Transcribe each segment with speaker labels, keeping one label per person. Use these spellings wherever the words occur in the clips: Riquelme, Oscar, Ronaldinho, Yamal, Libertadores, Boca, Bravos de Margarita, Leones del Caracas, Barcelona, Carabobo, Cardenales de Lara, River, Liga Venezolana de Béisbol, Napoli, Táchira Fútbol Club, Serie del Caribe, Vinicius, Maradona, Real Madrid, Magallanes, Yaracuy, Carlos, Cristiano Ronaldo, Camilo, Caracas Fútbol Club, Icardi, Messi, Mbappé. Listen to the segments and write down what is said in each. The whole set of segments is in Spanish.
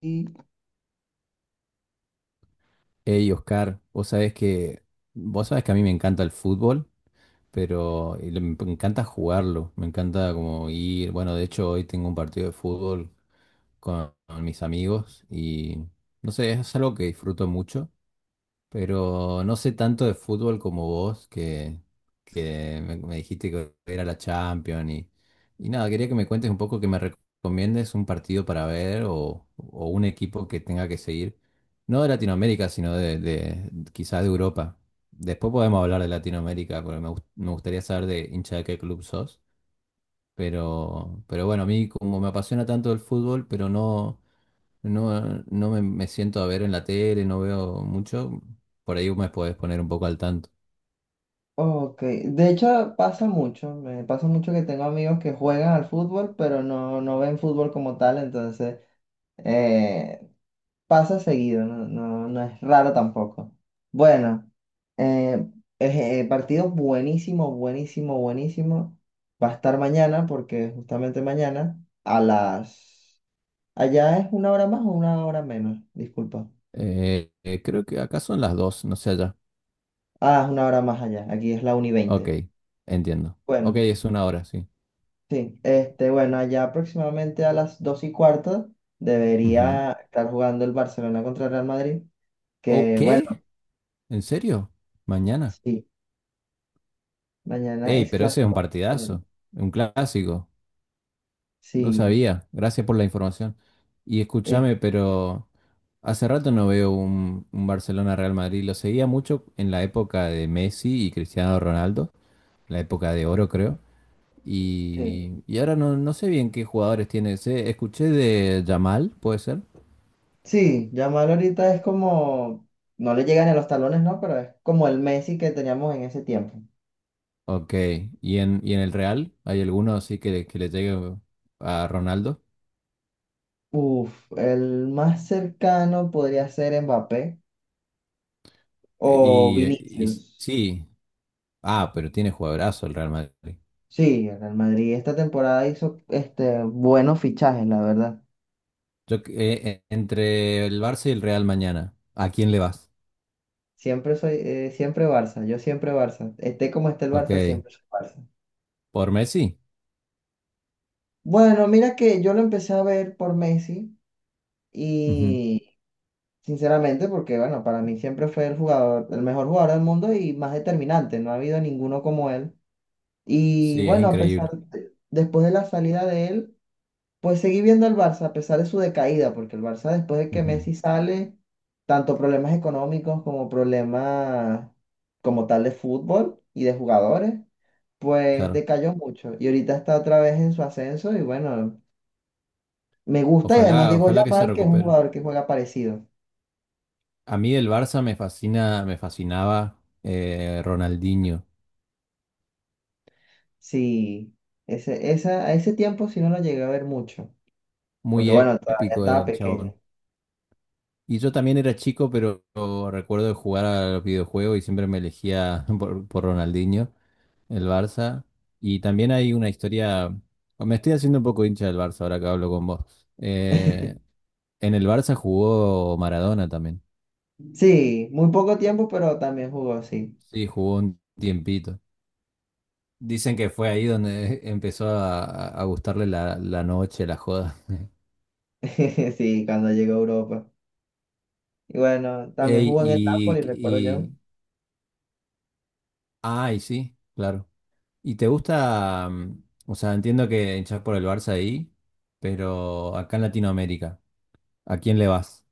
Speaker 1: Y,
Speaker 2: Hey Oscar, vos sabés que a mí me encanta el fútbol, pero me encanta jugarlo, me encanta como ir, bueno, de hecho hoy tengo un partido de fútbol con mis amigos y no sé, es algo que disfruto mucho pero no sé tanto de fútbol como vos, que me dijiste que era la Champions y nada, quería que me cuentes un poco, que me recomiendes un partido para ver o un equipo que tenga que seguir, no de Latinoamérica, sino quizás de Europa. Después podemos hablar de Latinoamérica, porque me gustaría saber de hincha de qué club sos. Pero bueno, a mí como me apasiona tanto el fútbol, pero no... No, me siento a ver en la tele, no veo mucho. Por ahí me podés poner un poco al tanto.
Speaker 1: ok, de hecho pasa mucho, me pasa mucho que tengo amigos que juegan al fútbol, pero no, no ven fútbol como tal, entonces eh, pasa seguido, no, no, no es raro tampoco. Bueno, eh, partido buenísimo, buenísimo, buenísimo. Va a estar mañana, porque justamente mañana a las... Allá es una hora más o una hora menos, disculpa.
Speaker 2: Creo que acá son las dos, no sé allá.
Speaker 1: Ah, es una hora más allá, aquí es la 1 y
Speaker 2: Ok,
Speaker 1: 20.
Speaker 2: entiendo. Ok, es una hora, sí.
Speaker 1: Sí, este, bueno, allá aproximadamente a las 2:15
Speaker 2: Ujú.
Speaker 1: debería estar jugando el Barcelona contra el Real Madrid,
Speaker 2: ¿O
Speaker 1: que
Speaker 2: qué?
Speaker 1: bueno,
Speaker 2: ¿En serio? ¿Mañana?
Speaker 1: sí, mañana
Speaker 2: Ey,
Speaker 1: es
Speaker 2: pero ese es un
Speaker 1: clásico español.
Speaker 2: partidazo, un clásico. No
Speaker 1: Sí,
Speaker 2: sabía. Gracias por la información. Y
Speaker 1: este,
Speaker 2: escúchame, pero hace rato no veo un Barcelona-Real Madrid. Lo seguía mucho en la época de Messi y Cristiano Ronaldo, la época de oro, creo. Y ahora no, no sé bien qué jugadores tiene ese. Escuché de Yamal, ¿puede ser?
Speaker 1: sí, Yamal ahorita es como, no le llegan a los talones, ¿no? Pero es como el Messi que teníamos en ese tiempo.
Speaker 2: Ok. Y en el Real? ¿Hay alguno así que le llegue a Ronaldo?
Speaker 1: Uf, el más cercano podría ser Mbappé
Speaker 2: Eh,
Speaker 1: o
Speaker 2: Y, eh, y
Speaker 1: Vinicius.
Speaker 2: sí. Ah, pero tiene jugadorazo el Real Madrid.
Speaker 1: Sí, el Real Madrid esta temporada hizo este, buenos fichajes, la verdad.
Speaker 2: Entre el Barça y el Real mañana, ¿a quién le vas?
Speaker 1: Siempre soy, siempre Barça, yo siempre Barça. Esté como esté el Barça,
Speaker 2: Ok.
Speaker 1: siempre soy Barça.
Speaker 2: ¿Por Messi?
Speaker 1: Bueno, mira que yo lo empecé a ver por Messi
Speaker 2: Ujú.
Speaker 1: y sinceramente, porque bueno, para mí siempre fue el jugador, el mejor jugador del mundo y más determinante, no ha habido ninguno como él. Y
Speaker 2: Sí, es
Speaker 1: bueno, a pesar
Speaker 2: increíble.
Speaker 1: después de la salida de él. Pues seguí viendo al Barça a pesar de su decaída, porque el Barça después de que
Speaker 2: Ujú.
Speaker 1: Messi sale, tanto problemas económicos como problemas como tal de fútbol y de jugadores, pues
Speaker 2: Claro.
Speaker 1: decayó mucho. Y ahorita está otra vez en su ascenso y bueno, me gusta y además llegó
Speaker 2: Ojalá que se
Speaker 1: Yamal, que es un
Speaker 2: recupere.
Speaker 1: jugador que juega parecido.
Speaker 2: A mí del Barça me fascina, me fascinaba Ronaldinho.
Speaker 1: Sí, a ese tiempo sí no lo llegué a ver mucho, porque
Speaker 2: Muy
Speaker 1: bueno, todavía
Speaker 2: épico
Speaker 1: estaba
Speaker 2: el
Speaker 1: pequeño.
Speaker 2: chabón. Y yo también era chico, pero recuerdo de jugar a los videojuegos y siempre me elegía por Ronaldinho, el Barça. Y también hay una historia, me estoy haciendo un poco hincha del Barça ahora que hablo con vos. En el Barça jugó Maradona también.
Speaker 1: Sí, muy poco tiempo, pero también jugó, sí.
Speaker 2: Sí, jugó un tiempito. Dicen que fue ahí donde empezó a gustarle la noche, la joda.
Speaker 1: Sí, cuando llegó a Europa. Y bueno, también
Speaker 2: Ey,
Speaker 1: jugó en el Napoli,
Speaker 2: y,
Speaker 1: recuerdo yo.
Speaker 2: y... Ay, sí, claro. ¿Y te gusta, o sea, entiendo que hinchás por el Barça ahí, pero acá en Latinoamérica, ¿a quién le vas?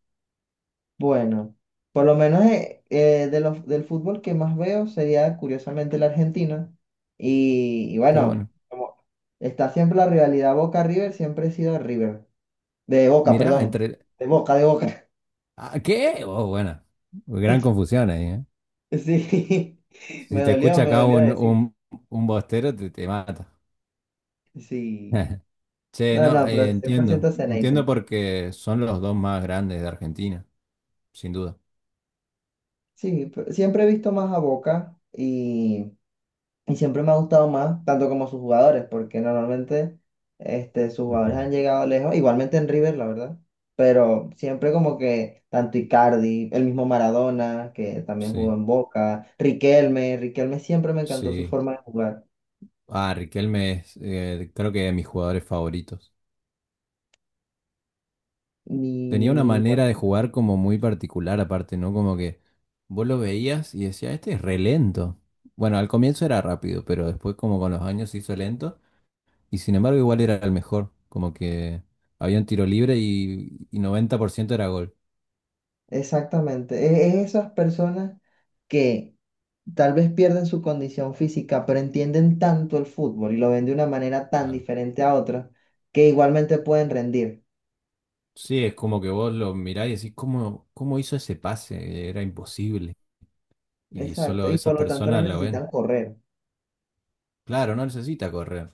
Speaker 1: Bueno, por lo menos del fútbol que más veo sería curiosamente el argentino. Y
Speaker 2: Qué
Speaker 1: bueno,
Speaker 2: bueno.
Speaker 1: como está siempre la rivalidad Boca-River, siempre he sido River. De Boca,
Speaker 2: Mirá,
Speaker 1: perdón.
Speaker 2: entre...
Speaker 1: De Boca, de Boca.
Speaker 2: ¿A qué? Oh, bueno. Gran confusión ahí, ¿eh?
Speaker 1: Sí,
Speaker 2: Si te escucha
Speaker 1: me
Speaker 2: acá
Speaker 1: dolió decirlo.
Speaker 2: un bostero, te mata.
Speaker 1: Sí.
Speaker 2: Che,
Speaker 1: No,
Speaker 2: no,
Speaker 1: no, pero
Speaker 2: entiendo.
Speaker 1: 100% Ceneice.
Speaker 2: Entiendo porque son los dos más grandes de Argentina, sin duda.
Speaker 1: Sí, pero siempre he visto más a Boca. Y siempre me ha gustado más, tanto como sus jugadores, porque normalmente este, sus jugadores
Speaker 2: Ujú.
Speaker 1: han llegado lejos, igualmente en River, la verdad, pero siempre como que tanto Icardi, el mismo Maradona, que también jugó
Speaker 2: Sí,
Speaker 1: en Boca, Riquelme, Riquelme siempre me encantó su
Speaker 2: sí.
Speaker 1: forma de jugar.
Speaker 2: Ah, Riquelme es, creo que de mis jugadores favoritos. Tenía una
Speaker 1: Y bueno,
Speaker 2: manera de jugar como muy particular aparte, ¿no? Como que vos lo veías y decías, este es re lento. Bueno, al comienzo era rápido, pero después como con los años se hizo lento y sin embargo igual era el mejor, como que había un tiro libre y 90% era gol.
Speaker 1: exactamente, es esas personas que tal vez pierden su condición física, pero entienden tanto el fútbol y lo ven de una manera tan
Speaker 2: Claro.
Speaker 1: diferente a otra, que igualmente pueden rendir.
Speaker 2: Sí, es como que vos lo mirás y decís, ¿cómo hizo ese pase? Era imposible. Y
Speaker 1: Exacto,
Speaker 2: solo
Speaker 1: y
Speaker 2: esas
Speaker 1: por lo tanto no
Speaker 2: personas lo ven.
Speaker 1: necesitan correr.
Speaker 2: Claro, no necesita correr.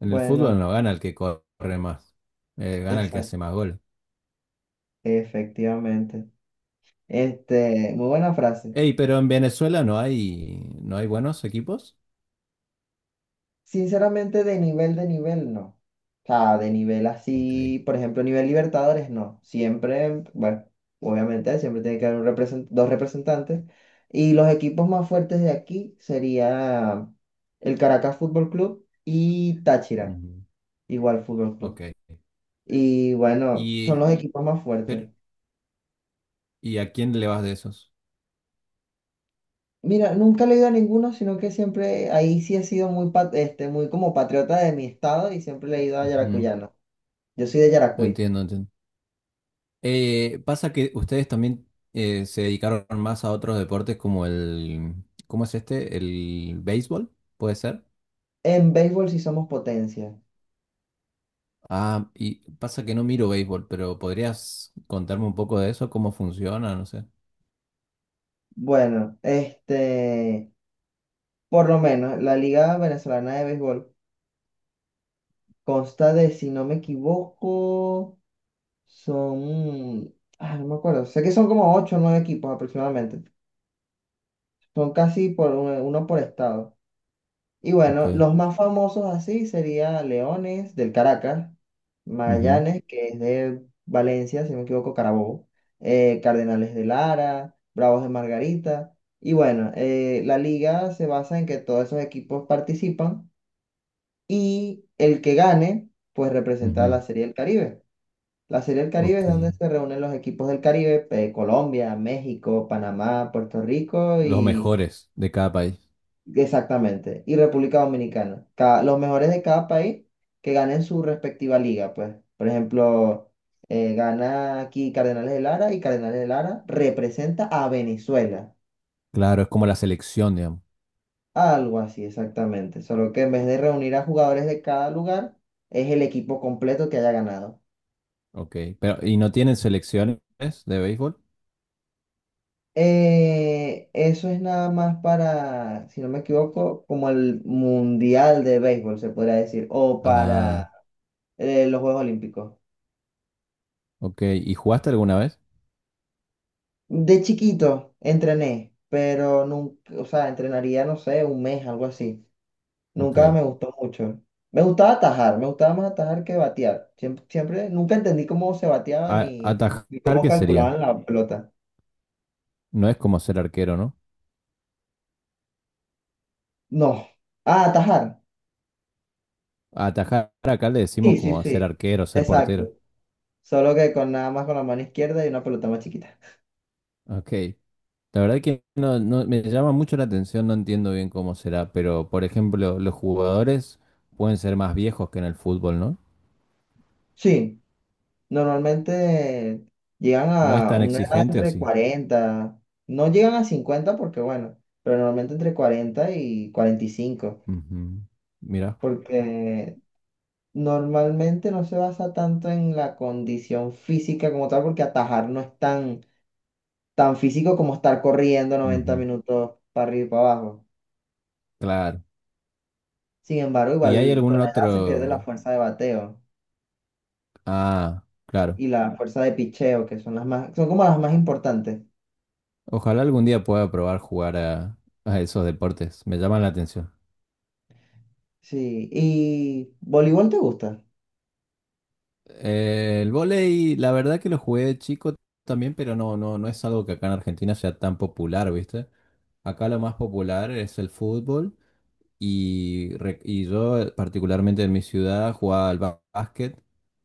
Speaker 2: En el
Speaker 1: Bueno,
Speaker 2: fútbol no gana el que corre más, gana el que
Speaker 1: exacto,
Speaker 2: hace más goles.
Speaker 1: efectivamente. Este, muy buena frase.
Speaker 2: Ey, pero en Venezuela no hay, no hay buenos equipos.
Speaker 1: Sinceramente, de nivel, no. O sea, de nivel
Speaker 2: Ok.
Speaker 1: así, por ejemplo, nivel Libertadores, no. Siempre, bueno, obviamente, siempre tiene que haber un dos representantes. Y los equipos más fuertes de aquí sería el Caracas Fútbol Club y Táchira,
Speaker 2: Ujú.
Speaker 1: igual Fútbol Club.
Speaker 2: Ok.
Speaker 1: Y bueno, son
Speaker 2: Y,
Speaker 1: los equipos más fuertes.
Speaker 2: pero, ¿y a quién le vas de esos?
Speaker 1: Mira, nunca he leído a ninguno, sino que siempre ahí sí he sido muy, muy como patriota de mi estado y siempre he leído a
Speaker 2: Ujú.
Speaker 1: yaracuyano. Yo soy de Yaracuy.
Speaker 2: Entiendo, entiendo. Pasa que ustedes también se dedicaron más a otros deportes como el, ¿cómo es este? El béisbol, ¿puede ser?
Speaker 1: En béisbol sí somos potencia.
Speaker 2: Ah, y pasa que no miro béisbol, pero ¿podrías contarme un poco de eso? ¿Cómo funciona? No sé.
Speaker 1: Bueno, este, por lo menos la Liga Venezolana de Béisbol consta de, si no me equivoco, son, no me acuerdo, sé que son como ocho o nueve equipos aproximadamente. Son casi por uno uno por estado. Y
Speaker 2: Ok.
Speaker 1: bueno, los más famosos así sería Leones del Caracas,
Speaker 2: Ujú.
Speaker 1: Magallanes, que es de Valencia, si no me equivoco, Carabobo, Cardenales de Lara, Bravos de Margarita. Y bueno, la liga se basa en que todos esos equipos participan y el que gane, pues representa a
Speaker 2: Ujú.
Speaker 1: la Serie del Caribe. La Serie del Caribe
Speaker 2: Ok.
Speaker 1: es donde se reúnen los equipos del Caribe, Colombia, México, Panamá, Puerto Rico.
Speaker 2: Los mejores de cada país.
Speaker 1: Exactamente. Y República Dominicana. Los mejores de cada país que ganen su respectiva liga, pues. Por ejemplo, gana aquí Cardenales de Lara y Cardenales de Lara representa a Venezuela.
Speaker 2: Claro, es como la selección, digamos.
Speaker 1: Algo así, exactamente. Solo que en vez de reunir a jugadores de cada lugar, es el equipo completo que haya ganado.
Speaker 2: Ok, pero ¿y no tienen selecciones de béisbol?
Speaker 1: Eso es nada más para, si no me equivoco, como el Mundial de Béisbol, se podría decir, o
Speaker 2: Ah,
Speaker 1: para los Juegos Olímpicos.
Speaker 2: ok. ¿Y jugaste alguna vez?
Speaker 1: De chiquito entrené, pero nunca, o sea, entrenaría, no sé, un mes, algo así.
Speaker 2: Ok.
Speaker 1: Nunca me gustó mucho. Me gustaba atajar, me gustaba más atajar que batear. Siempre, siempre, nunca entendí cómo se bateaba ni
Speaker 2: ¿Atajar
Speaker 1: cómo
Speaker 2: qué sería?
Speaker 1: calculaban la pelota.
Speaker 2: No es como ser arquero, ¿no?
Speaker 1: No. Ah, atajar.
Speaker 2: A Atajar acá le
Speaker 1: Sí,
Speaker 2: decimos
Speaker 1: sí,
Speaker 2: como ser
Speaker 1: sí.
Speaker 2: arquero, ser portero.
Speaker 1: Exacto. Solo que con nada más con la mano izquierda y una pelota más chiquita.
Speaker 2: Ok. La verdad que no, me llama mucho la atención, no entiendo bien cómo será, pero por ejemplo, los jugadores pueden ser más viejos que en el fútbol, ¿no?
Speaker 1: Sí. Normalmente llegan
Speaker 2: ¿No es
Speaker 1: a
Speaker 2: tan
Speaker 1: una edad
Speaker 2: exigente o
Speaker 1: entre
Speaker 2: sí?
Speaker 1: 40. No llegan a 50 porque bueno, pero normalmente entre 40 y 45
Speaker 2: Ujú. Mira.
Speaker 1: porque normalmente no se basa tanto en la condición física como tal, porque atajar no es tan, tan físico como estar corriendo noventa
Speaker 2: Ujú.
Speaker 1: minutos para arriba y para abajo.
Speaker 2: Claro.
Speaker 1: Sin embargo,
Speaker 2: ¿Y hay
Speaker 1: igual con
Speaker 2: algún
Speaker 1: la edad se pierde la
Speaker 2: otro?
Speaker 1: fuerza de bateo
Speaker 2: Ah, claro.
Speaker 1: y la fuerza de picheo, que son las más, son como las más importantes.
Speaker 2: Ojalá algún día pueda probar jugar a esos deportes. Me llaman la atención.
Speaker 1: Sí, ¿y voleibol te gusta?
Speaker 2: El vóley, la verdad que lo jugué de chico también, pero no es algo que acá en Argentina sea tan popular, ¿viste? Acá lo más popular es el fútbol y, y yo particularmente en mi ciudad jugaba al básquet,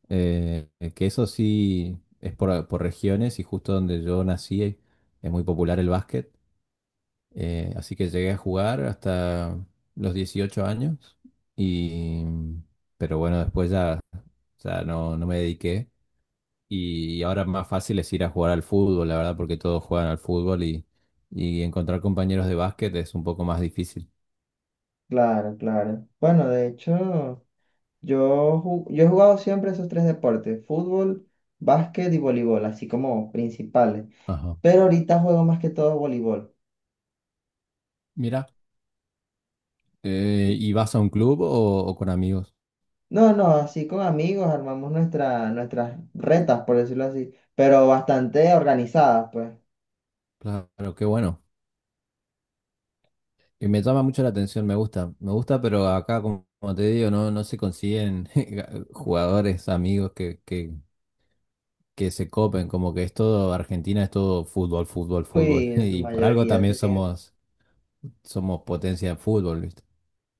Speaker 2: eh, que eso sí es por regiones y justo donde yo nací es muy popular el básquet. Así que llegué a jugar hasta los 18 años y pero bueno, después ya no, no me dediqué y ahora más fácil es ir a jugar al fútbol, la verdad, porque todos juegan al fútbol y encontrar compañeros de básquet es un poco más difícil.
Speaker 1: Claro, claro. Bueno, de hecho, yo he jugado siempre esos tres deportes, fútbol, básquet y voleibol, así como principales.
Speaker 2: Ajá.
Speaker 1: Pero ahorita juego más que todo voleibol.
Speaker 2: Mira,
Speaker 1: Y-
Speaker 2: ¿y vas a un club o con amigos?
Speaker 1: No, no, así con amigos armamos nuestras retas, por decirlo así, pero bastante organizadas, pues.
Speaker 2: Claro, qué bueno. Y me llama mucho la atención, me gusta, pero acá, como, como te digo, no, no se consiguen jugadores, amigos que se copen, como que es todo, Argentina es todo fútbol, fútbol, fútbol.
Speaker 1: Sí, en su
Speaker 2: Y por algo
Speaker 1: mayoría
Speaker 2: también somos, somos potencia en fútbol, ¿viste?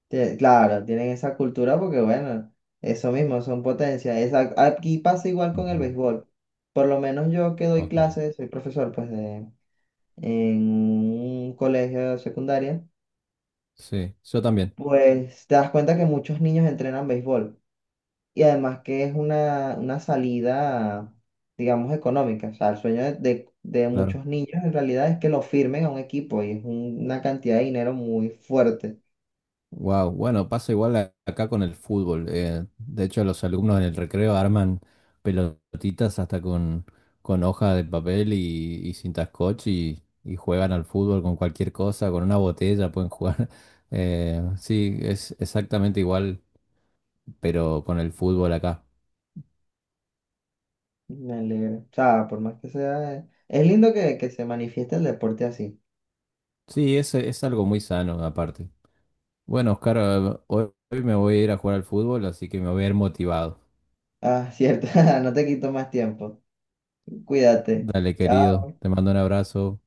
Speaker 1: claro, tienen esa cultura porque, bueno, eso mismo, son potencias. Aquí pasa igual con el
Speaker 2: Ujú.
Speaker 1: béisbol. Por lo menos yo que doy
Speaker 2: Ok,
Speaker 1: clases, soy profesor, pues, de en un colegio de secundaria,
Speaker 2: sí, yo también,
Speaker 1: pues te das cuenta que muchos niños entrenan béisbol y además que es una salida, digamos, económica. O sea, el sueño de, de
Speaker 2: claro.
Speaker 1: muchos niños en realidad es que lo firmen a un equipo y es una cantidad de dinero muy fuerte.
Speaker 2: Wow, bueno, pasa igual acá con el fútbol. Eh, de hecho, los alumnos en el recreo arman pelotitas hasta con hoja de papel y cinta scotch y juegan al fútbol con cualquier cosa, con una botella pueden jugar. Sí, es exactamente igual, pero con el fútbol acá.
Speaker 1: Me alegra. O sea, por más que sea, es lindo que se manifieste el deporte así.
Speaker 2: Sí, es algo muy sano aparte. Bueno, Oscar, hoy me voy a ir a jugar al fútbol, así que me voy a ir motivado.
Speaker 1: Ah, cierto, no te quito más tiempo. Cuídate.
Speaker 2: Dale,
Speaker 1: Chao.
Speaker 2: querido, te mando un abrazo.